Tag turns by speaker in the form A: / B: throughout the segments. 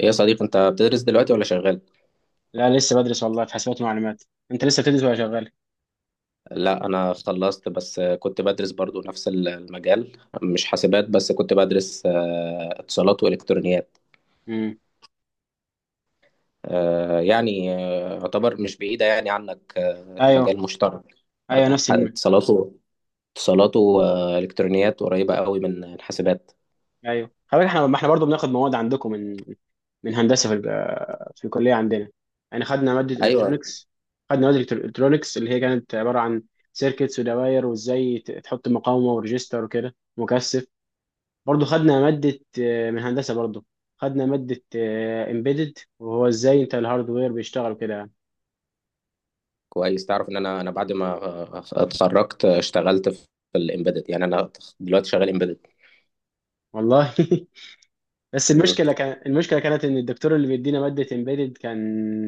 A: ايه يا صديق انت بتدرس دلوقتي ولا شغال؟
B: لا، لسه بدرس والله، في حسابات ومعلومات. انت لسه بتدرس ولا شغال؟
A: لا انا خلصت، بس كنت بدرس برضو نفس المجال، مش حاسبات بس كنت بدرس، اتصالات والكترونيات.
B: امم.
A: يعتبر مش بعيدة يعني عنك،
B: ايوه.
A: مجال مشترك.
B: ايوه نفس الم...
A: اتصالاته اتصالاته والكترونيات قريبة قوي من الحاسبات.
B: ايوه، خلي بالك احنا، ما احنا برضه بناخد مواد عندكم من هندسه في الكليه عندنا. يعني خدنا ماده
A: ايوه،
B: الكترونكس. خدنا ماده الكترونكس اللي هي كانت عباره عن سيركتس ودوائر وازاي تحط مقاومه وريجستر وكده مكثف. برضه خدنا ماده من هندسه برضه. خدنا ماده امبيدد، وهو ازاي انت الهاردوير بيشتغل كده يعني.
A: كويس. تعرف ان انا بعد ما اتخرجت اشتغلت في الامبيدد، يعني انا دلوقتي شغال امبيدد.
B: والله بس المشكله كان، المشكله كانت ان الدكتور اللي بيدينا ماده امبيدد كان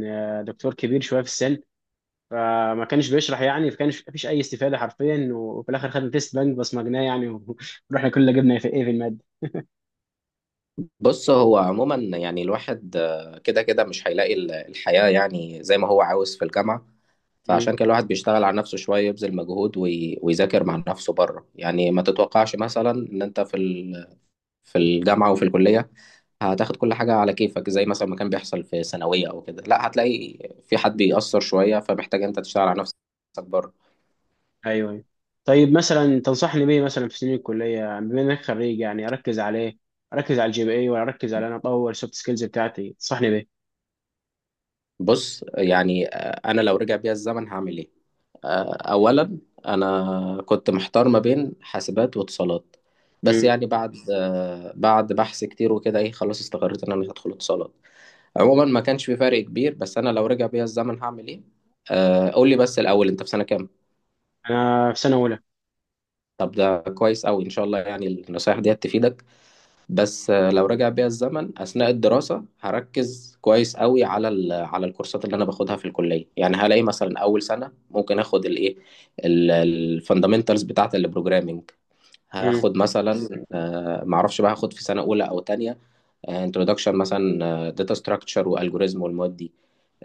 B: دكتور كبير شويه في السن. فما كانش بيشرح يعني، فكانش مفيش اي استفاده حرفيا. وفي الاخر خدنا تيست بنك بصمجناه يعني ورحنا كلنا جبنا في ايه في الماده.
A: بص، هو عموما يعني الواحد كده مش هيلاقي الحياة يعني زي ما هو عاوز في الجامعة،
B: مم.
A: فعشان كده الواحد بيشتغل على نفسه شوية، يبذل مجهود ويذاكر مع نفسه بره. يعني ما تتوقعش مثلا ان انت في في الجامعة وفي الكلية هتاخد كل حاجة على كيفك زي مثلا ما كان بيحصل في ثانوية او كده، لا، هتلاقي في حد بيأثر شوية، فمحتاج انت تشتغل على نفسك بره.
B: ايوه ايوه. طيب مثلا تنصحني بيه، مثلا في سنين الكليه بما انك خريج، يعني اركز على ايه؟ اركز على GPA، ولا اركز على انا اطور السوفت سكيلز بتاعتي؟ تنصحني بيه.
A: بص، يعني انا لو رجع بيا الزمن هعمل ايه؟ اولا انا كنت محتار ما بين حاسبات واتصالات، بس
B: مم.
A: يعني بعد بعد بحث كتير وكده، ايه، خلاص استقريت ان انا هدخل اتصالات. عموما ما كانش في فرق كبير. بس انا لو رجع بيا الزمن هعمل ايه؟ قول لي بس الاول، انت في سنة كام؟
B: انا في سنه اولى.
A: طب ده كويس قوي ان شاء الله، يعني النصايح دي تفيدك. بس لو رجع بيا الزمن اثناء الدراسه هركز كويس قوي على على الكورسات اللي انا باخدها في الكليه. يعني هلاقي مثلا اول سنه ممكن اخد الايه، الفاندامنتالز بتاعه البروجرامنج.
B: مم.
A: هاخد مثلا معرفش بقى، هاخد في سنه اولى او تانية انترودكشن مثلا داتا ستراكشر والجوريزم، والمواد دي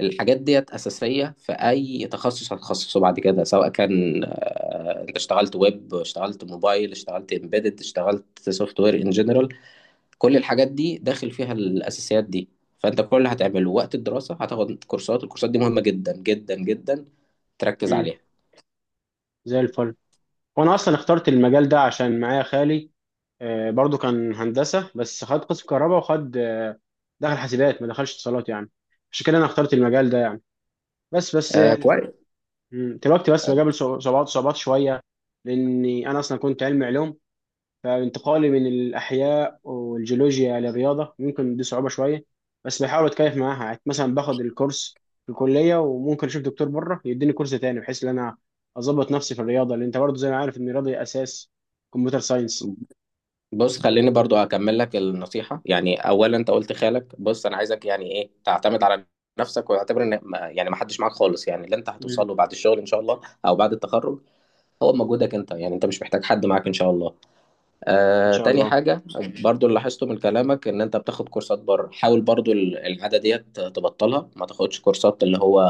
A: الحاجات ديت اساسيه في اي تخصص هتخصصه بعد كده، سواء كان انت اشتغلت ويب، اشتغلت موبايل، اشتغلت امبيدد، اشتغلت سوفت وير ان جنرال، كل الحاجات دي داخل فيها الأساسيات دي. فأنت كل اللي هتعمله وقت الدراسة هتاخد كورسات، الكورسات دي مهمة جدا جدا جدا، تركز
B: مم.
A: عليها.
B: زي الفل. وانا اصلا اخترت المجال ده عشان معايا خالي، برضو كان هندسه، بس خد قسم كهرباء، وخد دخل حاسبات ما دخلش اتصالات يعني. عشان كده انا اخترت المجال ده يعني. بس، بس
A: آه
B: يعني.
A: كويس.
B: مم، دلوقتي بس بقابل صعوبات، صعوبات شويه، لاني انا اصلا كنت علمي علوم، فانتقالي من الأحياء والجيولوجيا للرياضة، ممكن دي صعوبة شوية. بس بحاول أتكيف معاها. يعني مثلا باخد الكورس في الكلية، وممكن أشوف دكتور بره يديني كورس تاني، بحيث إن أنا أظبط نفسي في الرياضة، لأن أنت برضه زي ما عارف إن الرياضة أساس كمبيوتر ساينس.
A: بص، خليني برضو أكمل لك النصيحة. يعني أولا أنت قلت خالك، بص أنا عايزك يعني إيه، تعتمد على نفسك واعتبر إن ما حدش معاك خالص. يعني اللي أنت هتوصل
B: مم.
A: له بعد الشغل إن شاء الله أو بعد التخرج هو مجهودك أنت، يعني أنت مش محتاج حد معاك إن شاء الله.
B: إن شاء
A: تاني
B: الله.
A: حاجة، برضو اللي لاحظته من كلامك إن أنت بتاخد كورسات بره، حاول برضو العادة ديت تبطلها، ما تاخدش كورسات اللي هو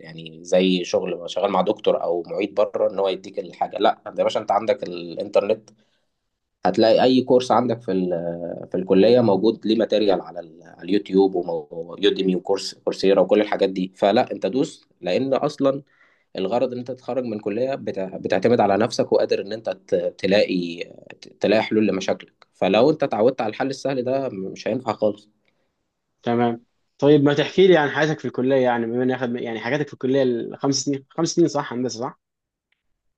A: يعني زي شغل شغال مع دكتور أو معيد بره إن هو يديك الحاجة. لا، أنت يا باشا أنت عندك الإنترنت، هتلاقي أي كورس عندك في في الكلية موجود ليه ماتيريال على على اليوتيوب ويوديمي وكورس كورسيرا وكل الحاجات دي، فلا أنت دوس. لأن أصلا الغرض ان انت تتخرج من كلية بتعتمد على نفسك وقادر ان انت تلاقي تلاقي حلول لمشاكلك، فلو انت اتعودت على الحل السهل ده مش هينفع خالص.
B: تمام. طيب ما تحكي لي عن حياتك في الكلية، يعني بما إني أخد يعني حاجاتك في الكلية، الخمس سنين، خمس سنين صح؟ هندسة صح؟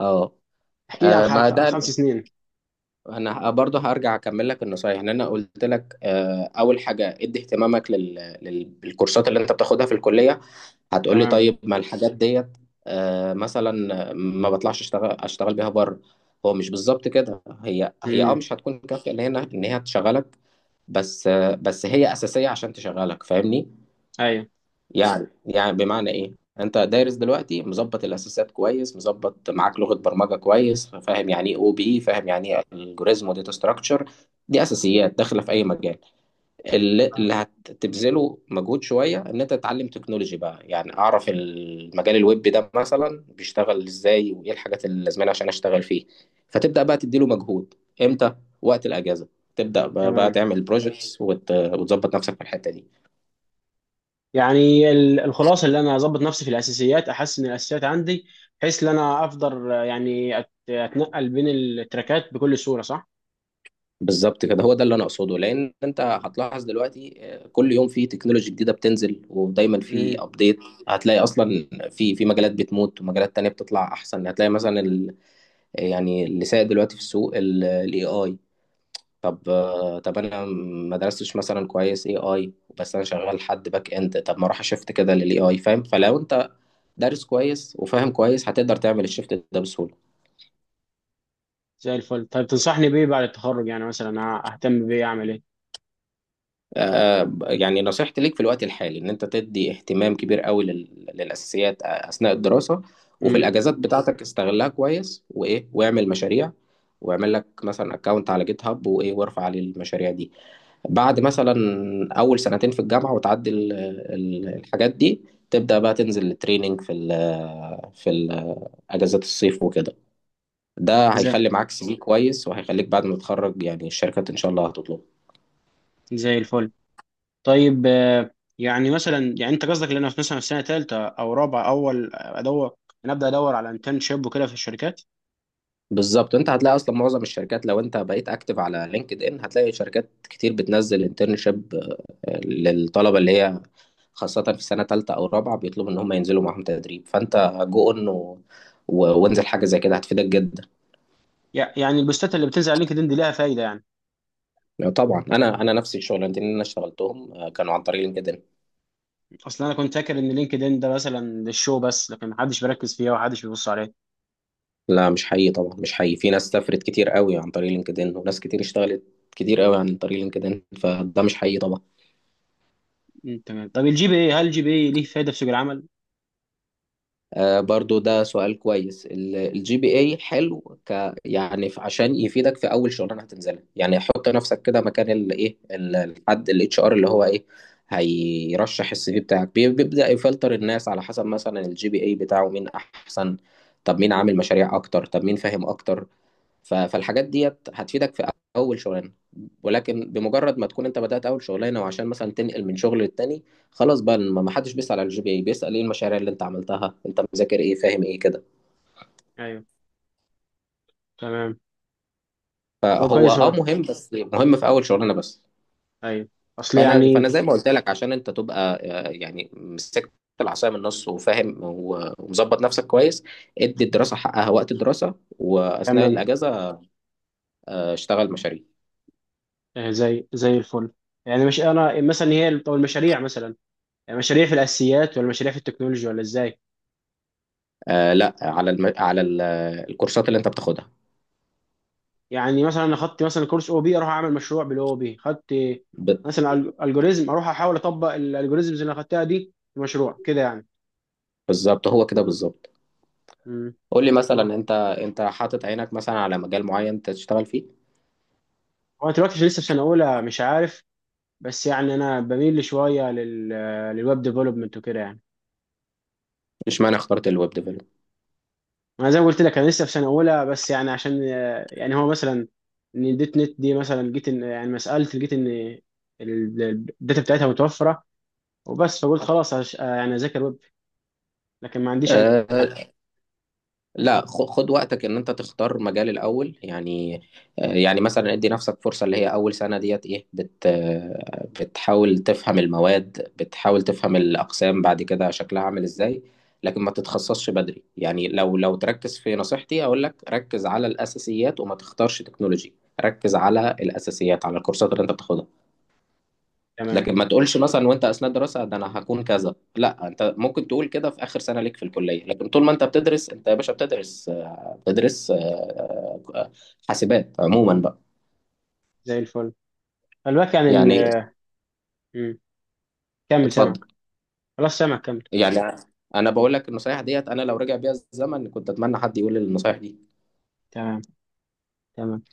A: اه،
B: احكي لي عن
A: ما ده
B: خمس سنين.
A: انا برضه هرجع اكمل لك النصايح. ان انا قلت لك اول حاجه ادي اهتمامك للكورسات اللي انت بتاخدها في الكليه. هتقول لي
B: تمام.
A: طيب ما الحاجات ديت مثلا ما بطلعش اشتغل اشتغل بيها بره. هو مش بالظبط كده، هي اه
B: امم.
A: مش هتكون كافيه ان هنا ان هي تشغلك. بس بس هي اساسيه عشان تشغلك، فاهمني؟
B: أيوه.
A: يعني يعني بمعنى ايه، انت دارس دلوقتي مظبط الاساسات كويس، مظبط معاك لغه برمجه كويس، فاهم يعني ايه او بي، فاهم يعني ايه الجوريزم وداتا ستراكشر، دي اساسيات داخله في اي مجال. اللي هتبذله مجهود شويه ان انت تتعلم تكنولوجي بقى. يعني اعرف المجال الويب ده مثلا بيشتغل ازاي، وايه الحاجات اللي لازمانه عشان اشتغل فيه، فتبدا بقى تديله مجهود. امتى؟ وقت الاجازه، تبدا بقى
B: تمام.
A: تعمل بروجكتس وتظبط نفسك في الحته دي.
B: يعني الخلاصه اللي انا اظبط نفسي في الاساسيات، احسن الاساسيات عندي، بحيث ان انا افضل يعني اتنقل بين التراكات بكل سهوله، صح؟
A: بالظبط كده، هو ده اللي انا اقصده. لان انت هتلاحظ دلوقتي كل يوم في تكنولوجي جديده بتنزل ودايما في
B: امم.
A: ابديت. هتلاقي اصلا في مجالات بتموت ومجالات تانية بتطلع احسن. هتلاقي مثلا يعني اللي سائد دلوقتي في السوق الاي اي. طب طب انا ما درستش مثلا كويس اي اي، بس انا شغال حد باك اند، طب ما اروح اشفت كده للاي اي، فاهم؟ فلو انت دارس كويس وفاهم كويس هتقدر تعمل الشفت ده بسهوله.
B: زي الفل. طيب تنصحني بيه بعد التخرج يعني، مثلا أه، اهتم بيه؟ اعمل ايه؟
A: يعني نصيحتي ليك في الوقت الحالي ان انت تدي اهتمام كبير قوي للاساسيات اثناء الدراسه. وفي
B: امم.
A: الاجازات بتاعتك استغلها كويس، وايه، واعمل مشاريع، واعمل لك مثلا اكونت على جيت هاب وايه، وارفع عليه المشاريع دي. بعد مثلا اول سنتين في الجامعه وتعدي الحاجات دي، تبدا بقى تنزل التريننج في ال في ال اجازات الصيف وكده. ده
B: زي
A: هيخلي معاك سي في كويس، وهيخليك بعد ما تتخرج يعني الشركات ان شاء الله هتطلبه.
B: زي الفل. طيب يعني مثلا، يعني انت قصدك ان انا مثلا في سنه ثالثه او رابعه اول ادور، انا ابدا ادور على انترنشيب وكده في الشركات؟
A: بالظبط، انت هتلاقي اصلا معظم الشركات، لو انت بقيت اكتف على لينكد ان، هتلاقي شركات كتير بتنزل انترنشيب للطلبه اللي هي خاصه في سنه ثالثه او رابعه، بيطلبوا ان هم ينزلوا معاهم تدريب، فانت جو اون وانزل حاجه زي كده هتفيدك جدا.
B: يعني البوستات اللي بتنزل على لينكدين دي ليها فايده يعني؟
A: طبعا، انا نفسي الشغلانتين اللي انا اشتغلتهم كانوا عن طريق لينكدين.
B: اصلا انا كنت فاكر ان لينكدين ده مثلا للشو بس، لكن محدش بيركز فيها ومحدش بيبص عليها.
A: لا، مش حقيقي طبعا، مش حقيقي، في ناس سافرت كتير قوي عن طريق لينكدين، وناس كتير اشتغلت كتير قوي عن طريق لينكدين، فده مش حقيقي طبعا.
B: مم، تمام. طب GPA، هل GPA ليه فايده في سوق العمل؟
A: آه، برضو ده سؤال كويس. الجي بي اي حلو ك يعني عشان يفيدك في اول شغلانه هتنزلها. يعني حط نفسك كده مكان الايه، الحد الاتش ار، اللي هو ايه، هيرشح السي في بتاعك، بيبدأ يفلتر الناس على حسب مثلا الجي بي اي بتاعه مين احسن، طب مين عامل مشاريع اكتر، طب مين فاهم اكتر. فالحاجات ديت هتفيدك في اول شغلانه. ولكن بمجرد ما تكون انت بدات اول شغلانه وعشان مثلا تنقل من شغل للتاني، خلاص بقى ما حدش بيسال على الجي بي اي، بيسال ايه المشاريع اللي انت عملتها، انت مذاكر ايه، فاهم ايه كده.
B: ايوه. تمام. هو
A: فهو
B: كويس،
A: اه
B: هو
A: مهم، بس مهم في اول شغلانه بس.
B: ايوه. اصل
A: فانا
B: يعني
A: فانا زي ما قلت لك، عشان انت تبقى يعني مسكت العصايه من النص وفاهم ومظبط نفسك كويس، ادي الدراسه حقها وقت الدراسه، واثناء
B: تمام.
A: الاجازه اشتغل مشاريع.
B: آه، زي زي الفل. يعني مش انا مثلا هي طب المشاريع مثلا، يعني مشاريع في الاساسيات، ولا مشاريع في التكنولوجيا، ولا ازاي؟
A: لا على على الكورسات اللي انت بتاخدها.
B: يعني مثلا انا خدت مثلا كورس او بي، اروح اعمل مشروع بالاو بي؟ خدت
A: ب-
B: مثلا الجوريزم، اروح احاول اطبق الالجوريزمز اللي انا خدتها دي في مشروع كده يعني؟
A: بالظبط هو كده بالظبط.
B: امم.
A: قول لي مثلا انت، انت حاطط عينك مثلا على مجال معين تشتغل فيه؟
B: هو دلوقتي لسه في سنه اولى، مش عارف. بس يعني انا بميل شويه للويب ديفلوبمنت وكده يعني.
A: اشمعنى اخترت الويب ديفلوب؟
B: انا زي ما قلت لك، انا لسه في سنه اولى، بس يعني عشان يعني هو مثلا، ان الدوت نت دي مثلا، جيت ان يعني ما سالت، لقيت ان ال- الداتا بتاعتها متوفره وبس، فقلت خلاص يعني اذاكر ويب. لكن ما عنديش اي.
A: أه، لا، خد وقتك ان انت تختار مجال الاول يعني. يعني مثلا ادي نفسك فرصه اللي هي اول سنه ديت ايه، بت بتحاول تفهم المواد، بتحاول تفهم الاقسام بعد كده شكلها عامل ازاي. لكن ما تتخصصش بدري. يعني لو تركز في نصيحتي اقول لك ركز على الاساسيات وما تختارش تكنولوجي، ركز على الاساسيات على الكورسات اللي انت بتاخدها.
B: تمام،
A: لكن ما تقولش مثلا وانت اثناء دراسه ده انا هكون كذا، لا، انت ممكن تقول كده في اخر سنه ليك في الكليه، لكن طول ما انت بتدرس انت يا باشا بتدرس آه، حاسبات عموما بقى.
B: زي الفل. خلي يعني
A: يعني
B: مم. كمل
A: اتفضل.
B: سامعك. خلاص، سامعك، كمل.
A: يعني انا بقول لك النصايح ديت انا لو رجع بيها الزمن كنت اتمنى حد يقول لي النصايح دي.
B: تمام. تمام.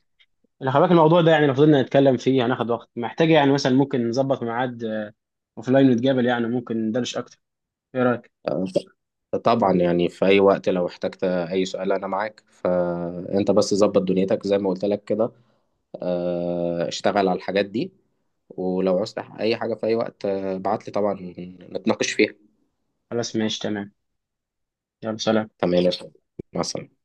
B: اللي خلي بالك الموضوع ده يعني، لو فضلنا نتكلم فيه هناخد وقت، محتاج يعني مثلا ممكن نظبط ميعاد اوف لاين ونتقابل، يعني ممكن ندردش اكتر. ايه رايك؟
A: آه، طبعا، يعني في اي وقت لو احتجت اي سؤال انا معاك، فانت بس ظبط دنيتك زي ما قلت لك كده، اشتغل على الحاجات دي. ولو عوزت أي حاجة في أي وقت ابعت لي طبعا نتناقش فيها.
B: خلاص، ماشي، تمام. يلا سلام.
A: تمام يا فندم. مع السلامة.